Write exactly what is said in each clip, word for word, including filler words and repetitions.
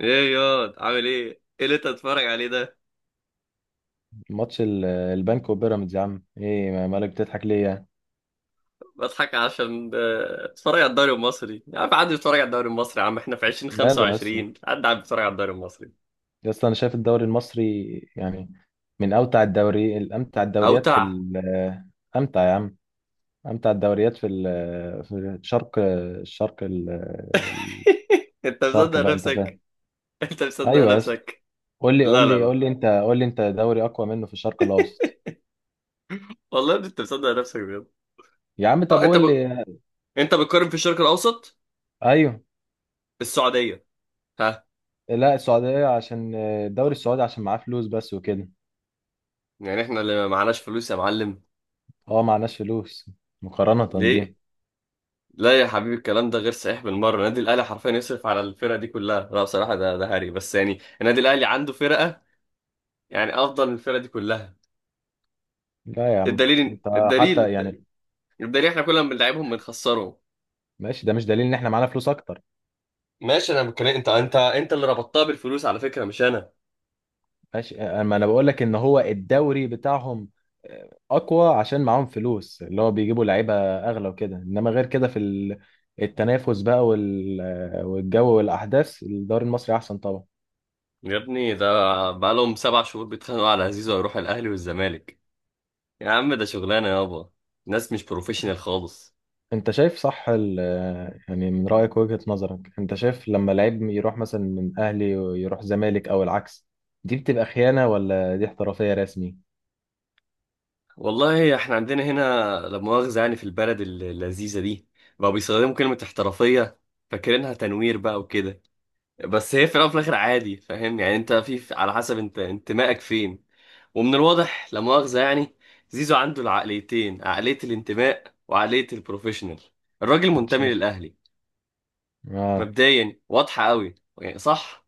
ايه ياض عامل ايه؟ ايه اللي انت بتتفرج عليه ده؟ ماتش ال- البنك وبيراميدز يا عم، ايه ما- مالك بتضحك ليه يعني؟ بضحك عشان آه، اتفرج على الدوري المصري، يا عم عدي بيتفرج على الدوري المصري. يا عم احنا في ماله يا اسطى؟ ألفين وخمسة وعشرين، عدي عم بيتفرج على الدوري المصري يا اسطى انا شايف الدوري المصري يعني، من اوتع الدوري الامتع الدوريات في اوتع. ال- امتع يا عم، امتع الدوريات في ال- في الشرق، الشرق ال- انت الشرق مصدق بقى انت فاهم. نفسك؟ انت مصدق ايوه يا اسطى، نفسك؟ قول لي، قول لا لا لي لا، قول لي انت، قول لي انت دوري اقوى منه في الشرق الاوسط. والله انت مصدق نفسك بجد. يا عم طب اه انت قول ب... لي. انت بتقارن في الشرق الاوسط، ايوه. السعودية، ها؟ لا السعوديه عشان الدوري السعودي عشان معاه فلوس بس وكده. يعني احنا اللي معناش فلوس يا معلم؟ هو معناش فلوس مقارنه ليه؟ بيهم. لا يا حبيبي، الكلام ده غير صحيح بالمره. النادي الاهلي حرفيا يصرف على الفرقه دي كلها، لا بصراحه ده ده هري بس، يعني النادي الاهلي عنده فرقه يعني افضل من الفرقه دي كلها. لا يا عم الدليل انت، حتى الدليل يعني الدليل، احنا كل ما بنلعبهم بنخسرهم. ماشي، ده مش دليل ان احنا معانا فلوس اكتر. ماشي، انا بتكلم، انت انت انت اللي ربطتها بالفلوس على فكره، مش انا. ماشي، اما انا بقول لك ان هو الدوري بتاعهم اقوى عشان معاهم فلوس، اللي هو بيجيبوا لعيبه اغلى وكده، انما غير كده في ال- التنافس بقى وال- والجو والاحداث، الدوري المصري احسن طبعا. يا ابني ده بقالهم سبع شهور بيتخانقوا على زيزو، هيروح الاهلي والزمالك. يا عم ده شغلانه يابا، ناس مش بروفيشنال خالص. انت شايف صح ال- يعني من رايك وجهه نظرك، انت شايف لما لعيب يروح مثلا من اهلي ويروح زمالك او العكس، دي بتبقى خيانه ولا دي احترافيه رسمي؟ والله احنا عندنا هنا، لا مؤاخذة يعني، في البلد الل- اللذيذة دي بقوا بيستخدموا كلمة احترافية، فاكرينها تنوير بقى وكده، بس هي في الأول وفي الآخر عادي، فاهم يعني؟ انت في في- على حسب انت انتمائك فين. ومن الواضح لا مؤاخذة يعني، زيزو عنده العقليتين، عقلية الانتماء وعقلية البروفيشنال. الراجل انت منتمي شايف. للأهلي، اه. مبدئيا واضحة قوي، يعني صح.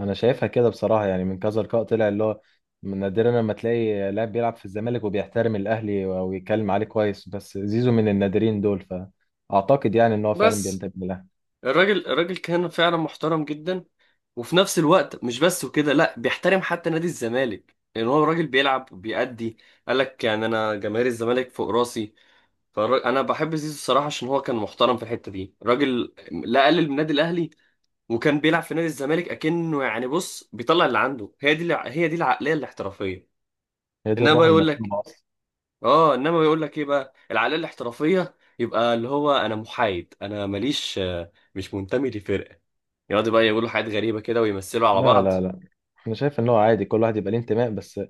انا شايفها كده بصراحه، يعني من كذا لقاء طلع اللي هو من نادرا لما تلاقي لاعب بيلعب في الزمالك وبيحترم الاهلي ويتكلم عليه كويس، بس زيزو من النادرين دول، فاعتقد يعني ان هو فعلا بس بينتمي للاهلي. الراجل الراجل كان فعلا محترم جدا، وفي نفس الوقت مش بس وكده، لا بيحترم حتى نادي الزمالك، لان هو الراجل بيلعب وبيأدي. قال لك يعني انا جماهير الزمالك فوق راسي. فانا بحب زيزو الصراحه، عشان هو كان محترم في الحته دي. راجل لا قلل من النادي الاهلي، وكان بيلعب في نادي الزمالك اكنه يعني، بص بيطلع اللي عنده، هي دي الع- هي دي العقليه الاحترافيه. هي دي انما بقى الروح يقول لك المطلوبه اصلا. اه، انما يقول لك ايه بقى العقليه الاحترافيه؟ يبقى اللي هو انا محايد، انا ماليش، آه، مش منتمي لفرقه. يقعدوا بقى يقولوا حاجات غريبه كده ويمثلوا على لا بعض. لا لا، انا شايف ان هو عادي كل واحد يبقى ليه انتماء، بس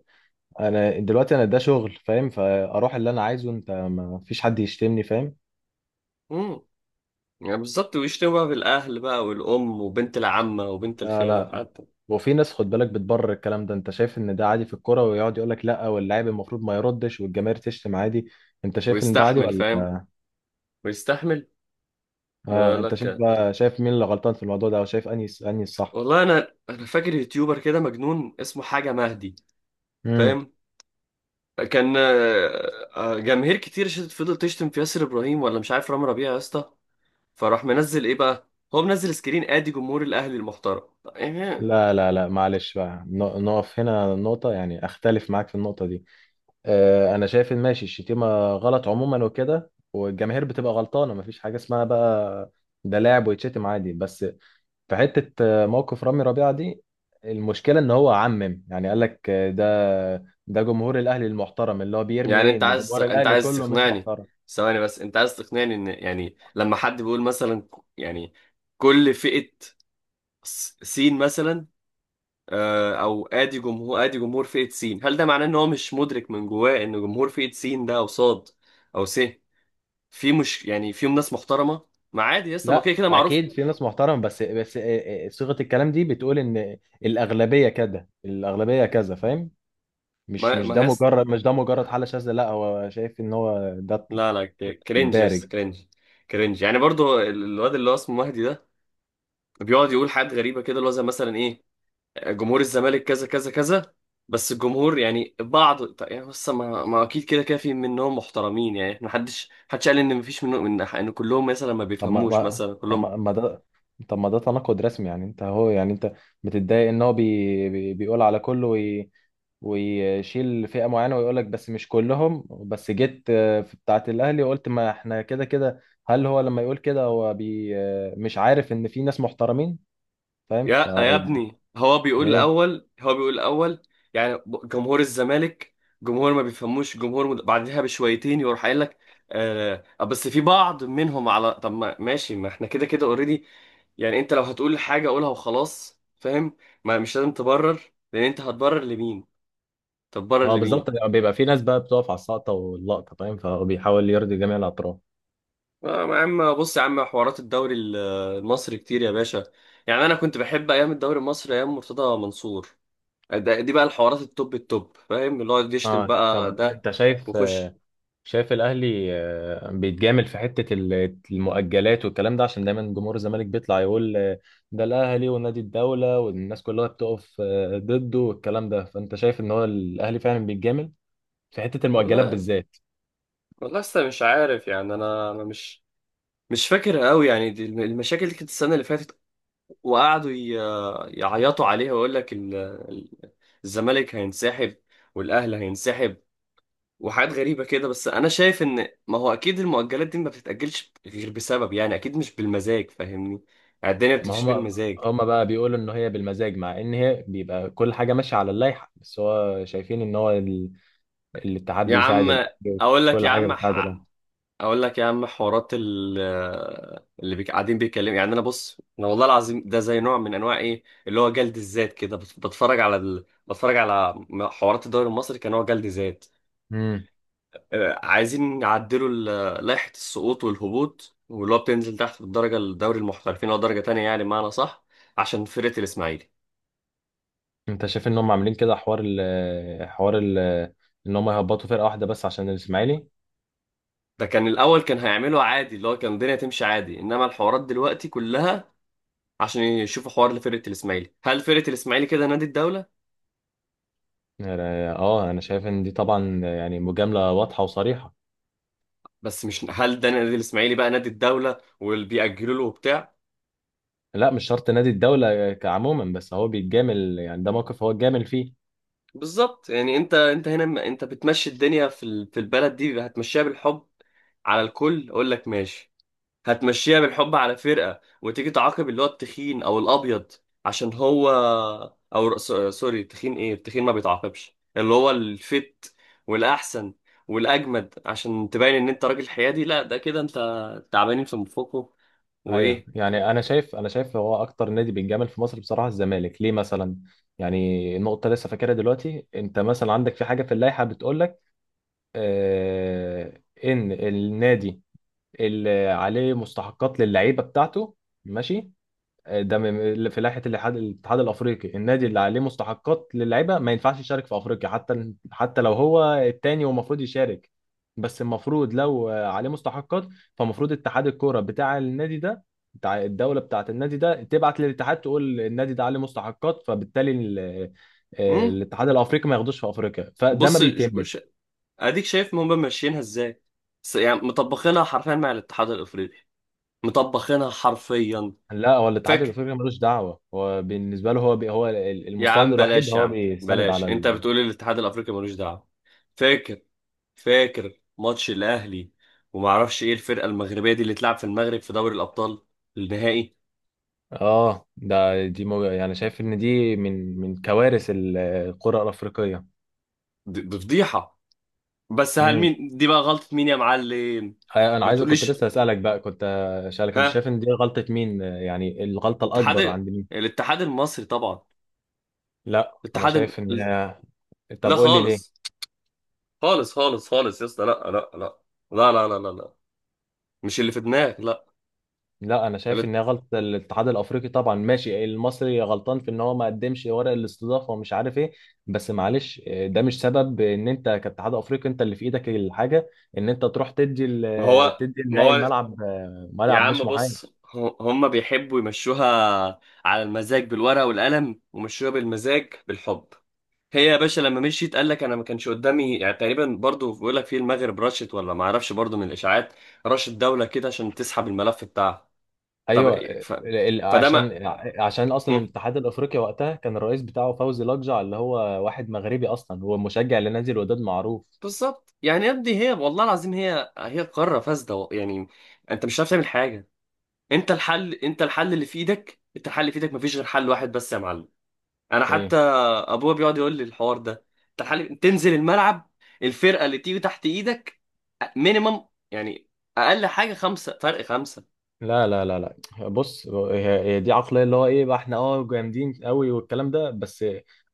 انا دلوقتي، انا ده شغل فاهم، فاروح اللي انا عايزه، انت ما فيش حد يشتمني فاهم. يعني بالظبط، ويشتكوا بقى بالأهل بقى والأم وبنت العمة وبنت لا الخالة لا، وحتى وفي ناس خد بالك بتبرر الكلام ده، انت شايف ان ده عادي في الكرة، ويقعد يقول لك لا واللاعب المفروض ما يردش والجماهير تشتم عادي. انت شايف ان ده عادي ويستحمل، ولا؟ فاهم؟ ويستحمل. اه يقول انت شايف لك، بقى، شايف مين اللي غلطان في الموضوع ده او شايف انهي انهي الصح؟ والله أنا أنا فاكر يوتيوبر كده مجنون اسمه حاجة مهدي، امم فاهم؟ كان آه، آه، جماهير كتير شت- فضلت تشتم في ياسر إبراهيم ولا مش عارف رامي ربيعة، يا اسطى. فراح منزل إيه بقى؟ هو منزل سكرين، آدي جمهور الأهلي المحترم، يعني. لا لا لا، معلش بقى ن- نقف هنا نقطة، يعني اختلف معاك في النقطة دي. آه انا شايف ان ماشي، الشتيمة غلط عموما وكده، والجماهير بتبقى غلطانة، مفيش حاجة اسمها بقى ده لاعب ويتشتم عادي. بس في حتة آه، موقف رامي ربيعة دي، المشكلة ان هو عمم، يعني قال لك آه، ده ده جمهور الاهلي المحترم، اللي هو بيرمي يعني ايه أنت ان عايز جمهور أنت الاهلي عايز كله مش تقنعني، محترم. ثواني بس، أنت عايز تقنعني إن يعني لما حد بيقول مثلا، يعني كل فئة، س- سين مثلا، آه، او ادي جمهور، ادي جمهور فئة سين، هل ده معناه ان هو مش مدرك من جواه ان جمهور فئة سين ده او صاد او س في مش يعني فيهم ناس محترمة؟ ما عادي يا اسطى، ما كده لا كده معروف. اكيد في ناس محترمة، بس بس آه، آه، آه، صيغة الكلام دي بتقول ان الاغلبية كده الاغلبية كذا فاهم، مش ما مش ما ده هيس، مجرد مش ده مجرد حالة شاذة، لا هو شايف ان هو ده لا لا، ك- كرنج يا اسطى، الدارج. كرنج. كرنج، يعني برضو ال- الواد اللي هو اسمه مهدي ده بيقعد يقول حاجات غريبة كده، اللي هو زي مثلا ايه، جمهور الزمالك كذا كذا كذا، بس الجمهور يعني بعض، طيب يعني بس ما, ما اكيد كده كده في منهم محترمين، يعني ما حدش حدش قال ان مفيش منهم، ان ان كلهم مثلا ما طب ما بيفهموش ما- مثلا طب كلهم. ما ما ده طب ما ده تناقض رسمي، يعني انت هو يعني انت بتتضايق ان هو بي... بي... بيقول على كله وي... ويشيل فئة معينة، ويقول لك بس مش كلهم، بس جيت آه، في بتاعة الأهلي وقلت ما احنا كده كده. هل هو لما يقول كده هو بي... آه، مش عارف ان في ناس محترمين فاهم، ف يا يا يعني ابني، هو بيقول ايه؟ الاول هو بيقول الاول يعني، ب- جمهور الزمالك، جمهور ما بيفهموش، جمهور مد... بعدها بشويتين يروح قايل لك آه بس في بعض منهم. على طب ما ماشي، ما احنا كده كده اوريدي. يعني انت لو هتقول حاجة قولها وخلاص، فاهم؟ ما مش لازم تبرر، لان انت هتبرر لمين؟ طب بره اه لمين؟ بالظبط، بيبقى في ناس بقى بتقف على السقطة واللقطة فاهم، فبيحاول يرضي جميع الأطراف. آه، يا عم بص، يا عم حوارات الدوري ال- المصري كتير يا باشا. يعني انا كنت بحب ايام الدوري المصري ايام مرتضى منصور، ده دي بقى الحوارات التوب التوب، فاهم؟ اللي هو يشتم اه بقى طب ده انت شايف، وخش. شايف الاهلي آه، بيتجامل في حته ال- المؤجلات والكلام ده، عشان دايما جمهور الزمالك بيطلع يقول آه، ده الاهلي ونادي الدوله والناس كلها بتقف آه، ضده والكلام ده، فانت شايف ان هو الاهلي فعلا بيتجامل في حته المؤجلات والله، بالذات؟ والله لسه مش عارف يعني، انا انا مش مش فاكر قوي يعني، دي الم- المشاكل دي كانت السنه اللي فاتت، وقعدوا ي- يعيطوا عليها ويقول لك ال- ال- الزمالك هينسحب والاهلي هينسحب وحاجات غريبة كده. بس أنا شايف إن ما هو أكيد المؤجلات دي ما بتتأجلش غير بسبب، يعني أكيد مش بالمزاج، فاهمني؟ يعني الدنيا ما ما بتمشيش هما، بالمزاج. هما بقى بيقولوا ان هي بالمزاج، مع ان هي بيبقى كل حاجه ماشيه على اللائحه، بس هو شايفين ان هو ال- الاتحاد يا بيساعد عم الاهلي، أقول لك كل يا حاجه عم بتساعد الاهلي. ح... أقول لك يا عم حوارات ال... اللي بيك... قاعدين بيتكلموا، يعني أنا بص، أنا والله العظيم ده زي نوع من أنواع إيه، اللي هو جلد الذات كده. بت- بتفرج على ال... بتفرج على حوارات الدوري المصري كنوع جلد ذات. مم. آه، عايزين نعدلوا ال- لائحة السقوط والهبوط، واللي هو بتنزل تحت في الدرجة، الدوري المحترفين أو درجة تانية، يعني معنى صح، عشان فرقة الإسماعيلي. انت شايف ان هم عاملين كده حوار ال حوار ال ان هم يهبطوا فرقه واحده بس عشان الاسماعيلي؟ ده كان الأول كان هيعمله عادي، اللي هو كان الدنيا تمشي عادي، إنما الحوارات دلوقتي كلها عشان يشوفوا حوار لفرقة الإسماعيلي. هل فرقة الإسماعيلي كده نادي الدولة؟ يعني اه، انا شايف ان دي طبعا يعني مجامله واضحه وصريحه. بس مش، هل ده نادي الإسماعيلي بقى نادي الدولة واللي بيأجلوا له وبتاع؟ لا مش شرط نادي الدوله كعموما، بس هو بيتجامل، يعني ده موقف هو اتجامل فيه. بالظبط، يعني أنت أنت هنا، أنت بتمشي الدنيا في ال- في البلد دي هتمشيها بالحب على الكل، أقول لك ماشي. هتمشيها بالحب على فرقة، وتيجي تعاقب اللي هو التخين او الابيض عشان هو، او ر- س- سوري، التخين، ايه التخين ما بيتعاقبش، اللي هو الفت والاحسن والاجمد، عشان تبين ان انت راجل حيادي؟ لا ده كده انت تعبانين في مفوقه. ايوه وايه؟ يعني، انا شايف انا شايف هو اكتر نادي بيتجامل في مصر بصراحه، الزمالك ليه مثلا. يعني النقطه لسه فاكرها دلوقتي، انت مثلا عندك في حاجه في اللائحه بتقول لك آه ان النادي اللي عليه مستحقات للعيبه بتاعته، ماشي، آه، ده من- في لائحه الاتحاد الاتحاد الافريقي، النادي اللي عليه مستحقات للعيبه ما ينفعش يشارك في افريقيا حتى، حتى لو هو التاني ومفروض يشارك، بس المفروض لو عليه مستحقات، فمفروض اتحاد الكوره بتاع النادي ده، بتاع الدوله بتاعه النادي ده، تبعت للاتحاد تقول النادي ده عليه مستحقات، فبالتالي ال- آه، امم، الاتحاد الافريقي ما ياخدوش في افريقيا، فده ما بص ش... بيتمش. ش... اديك شايف ما هم ماشيينها ازاي، س... يعني مطبخينها حرفيا مع الاتحاد الافريقي، مطبخينها حرفيا. لا هو الاتحاد فاكر، الافريقي ملوش دعوه، هو بالنسبه له هو بي هو يا المستند عم الوحيد بلاش يا هو عم بيستند بلاش، على. انت بتقول الاتحاد الافريقي ملوش دعوه؟ فاكر، فاكر ماتش الاهلي وما اعرفش ايه الفرقه المغربيه دي اللي اتلعب في المغرب في دوري الابطال النهائي؟ اه ده دي مو... يعني شايف ان دي من من كوارث ال- القرى الافريقيه. دي دي فضيحه، بس هل امم مين دي بقى غلطه مين يا معلم؟ انا ما عايز كنت تقوليش. لسه اسالك بقى، كنت اسالك انت ها؟ شايف ان دي غلطه مين، يعني الغلطه الاكبر اتحاد، عند مين؟ الاتحاد المصري طبعا، لا انا الاتحاد الم... شايف ان طب لا قول لي ليه. خالص، خالص خالص خالص يا اسطى، لا لا لا لا لا لا لا لا، مش اللي في دماغك، لا. لا انا شايف الات- ان هي غلطه الاتحاد الافريقي طبعا، ماشي المصري غلطان في ان هو ما قدمش ورق الاستضافه ومش عارف ايه، بس معلش، ده مش سبب ان انت كاتحاد افريقي، انت اللي في ايدك الحاجه ان انت تروح تدي ما ال- هو، تدي ما النهائي هو الملعب، يا ملعب مش عم محايد. بص، ه- هم بيحبوا يمشوها على المزاج بالورقه والقلم، ومشوها بالمزاج بالحب. هي يا باشا لما مشيت قال لك انا ما كانش قدامي، يعني تقريبا برضو بيقول لك في المغرب رشت، ولا ما اعرفش برضو من الاشاعات رشت دوله كده عشان تسحب الملف بتاعها. طب ايوه إيه- ال- ف... ال- فده ما عشان عشان اصلا مم. الاتحاد الافريقي وقتها كان الرئيس بتاعه فوزي لقجع، اللي هو واحد مغربي اصلا، هو مشجع لنادي الوداد معروف. بالظبط، يعني يا ابني هي والله العظيم، هي هي قاره فاسده، و- يعني انت مش عارف تعمل حاجه. انت الحل، انت الحل اللي في ايدك انت الحل اللي في ايدك، مفيش غير حل واحد بس يا معلم. انا حتى ايه. ابويا بيقعد يقول لي الحوار ده، تعال تنزل الملعب، الفرقه اللي تيجي تحت ايدك مينيمم يعني، اقل حاجه خمسه فرق، خمسه. لا لا لا، لا بص هي هي دي عقلية اللي هو ايه بقى، احنا اه جامدين قوي والكلام ده، بس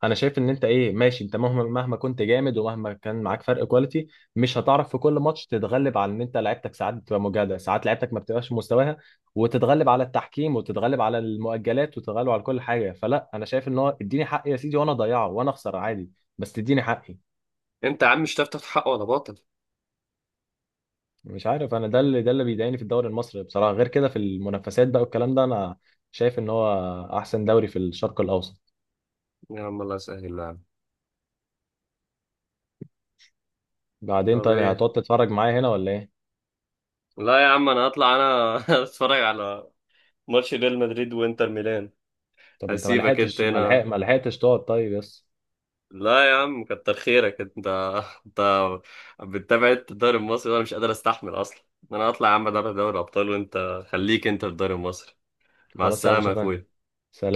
انا شايف ان انت ايه ماشي، انت مهما مهما كنت جامد ومهما كان معاك فرق كواليتي، مش هتعرف في كل ماتش تتغلب، على ان انت لعيبتك ساعات بتبقى مجهدة، ساعات لعيبتك ما بتبقاش في مستواها، وتتغلب على التحكيم، وتتغلب على المؤجلات، وتتغلب على كل حاجة، فلا انا شايف ان هو اديني حقي يا سيدي وانا اضيعه وانا اخسر عادي، بس اديني حقي. انت يا عم مش هتعرف تاخد حق ولا باطل. مش عارف، انا ده اللي ده اللي بيضايقني في الدوري المصري بصراحه، غير كده في المنافسات بقى والكلام ده انا شايف ان هو احسن دوري في الشرق الاوسط. يا عم الله يسهل يا عم. بعدين طب طيب، ايه؟ هتقعد تتفرج معايا هنا ولا ايه؟ لا يا عم انا هطلع انا اتفرج على ماتش ريال مدريد وانتر ميلان. طب انت ما هسيبك انت لحقتش، ما لحق هنا، ما لحقتش تقعد طيب بس؟ لا يا عم كتر خيرك انت انت بتتابع انت الدوري المصري وانا مش قادر استحمل اصلا. انا هطلع يا عم ادرب دوري ابطال، وانت خليك انت في الدوري المصري. مع خلاص يا عم السلامة يا شوف أنا. أخويا.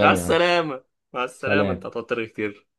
مع يا عم. السلامة، مع السلامة، أنت سلام. هتضطر كتير.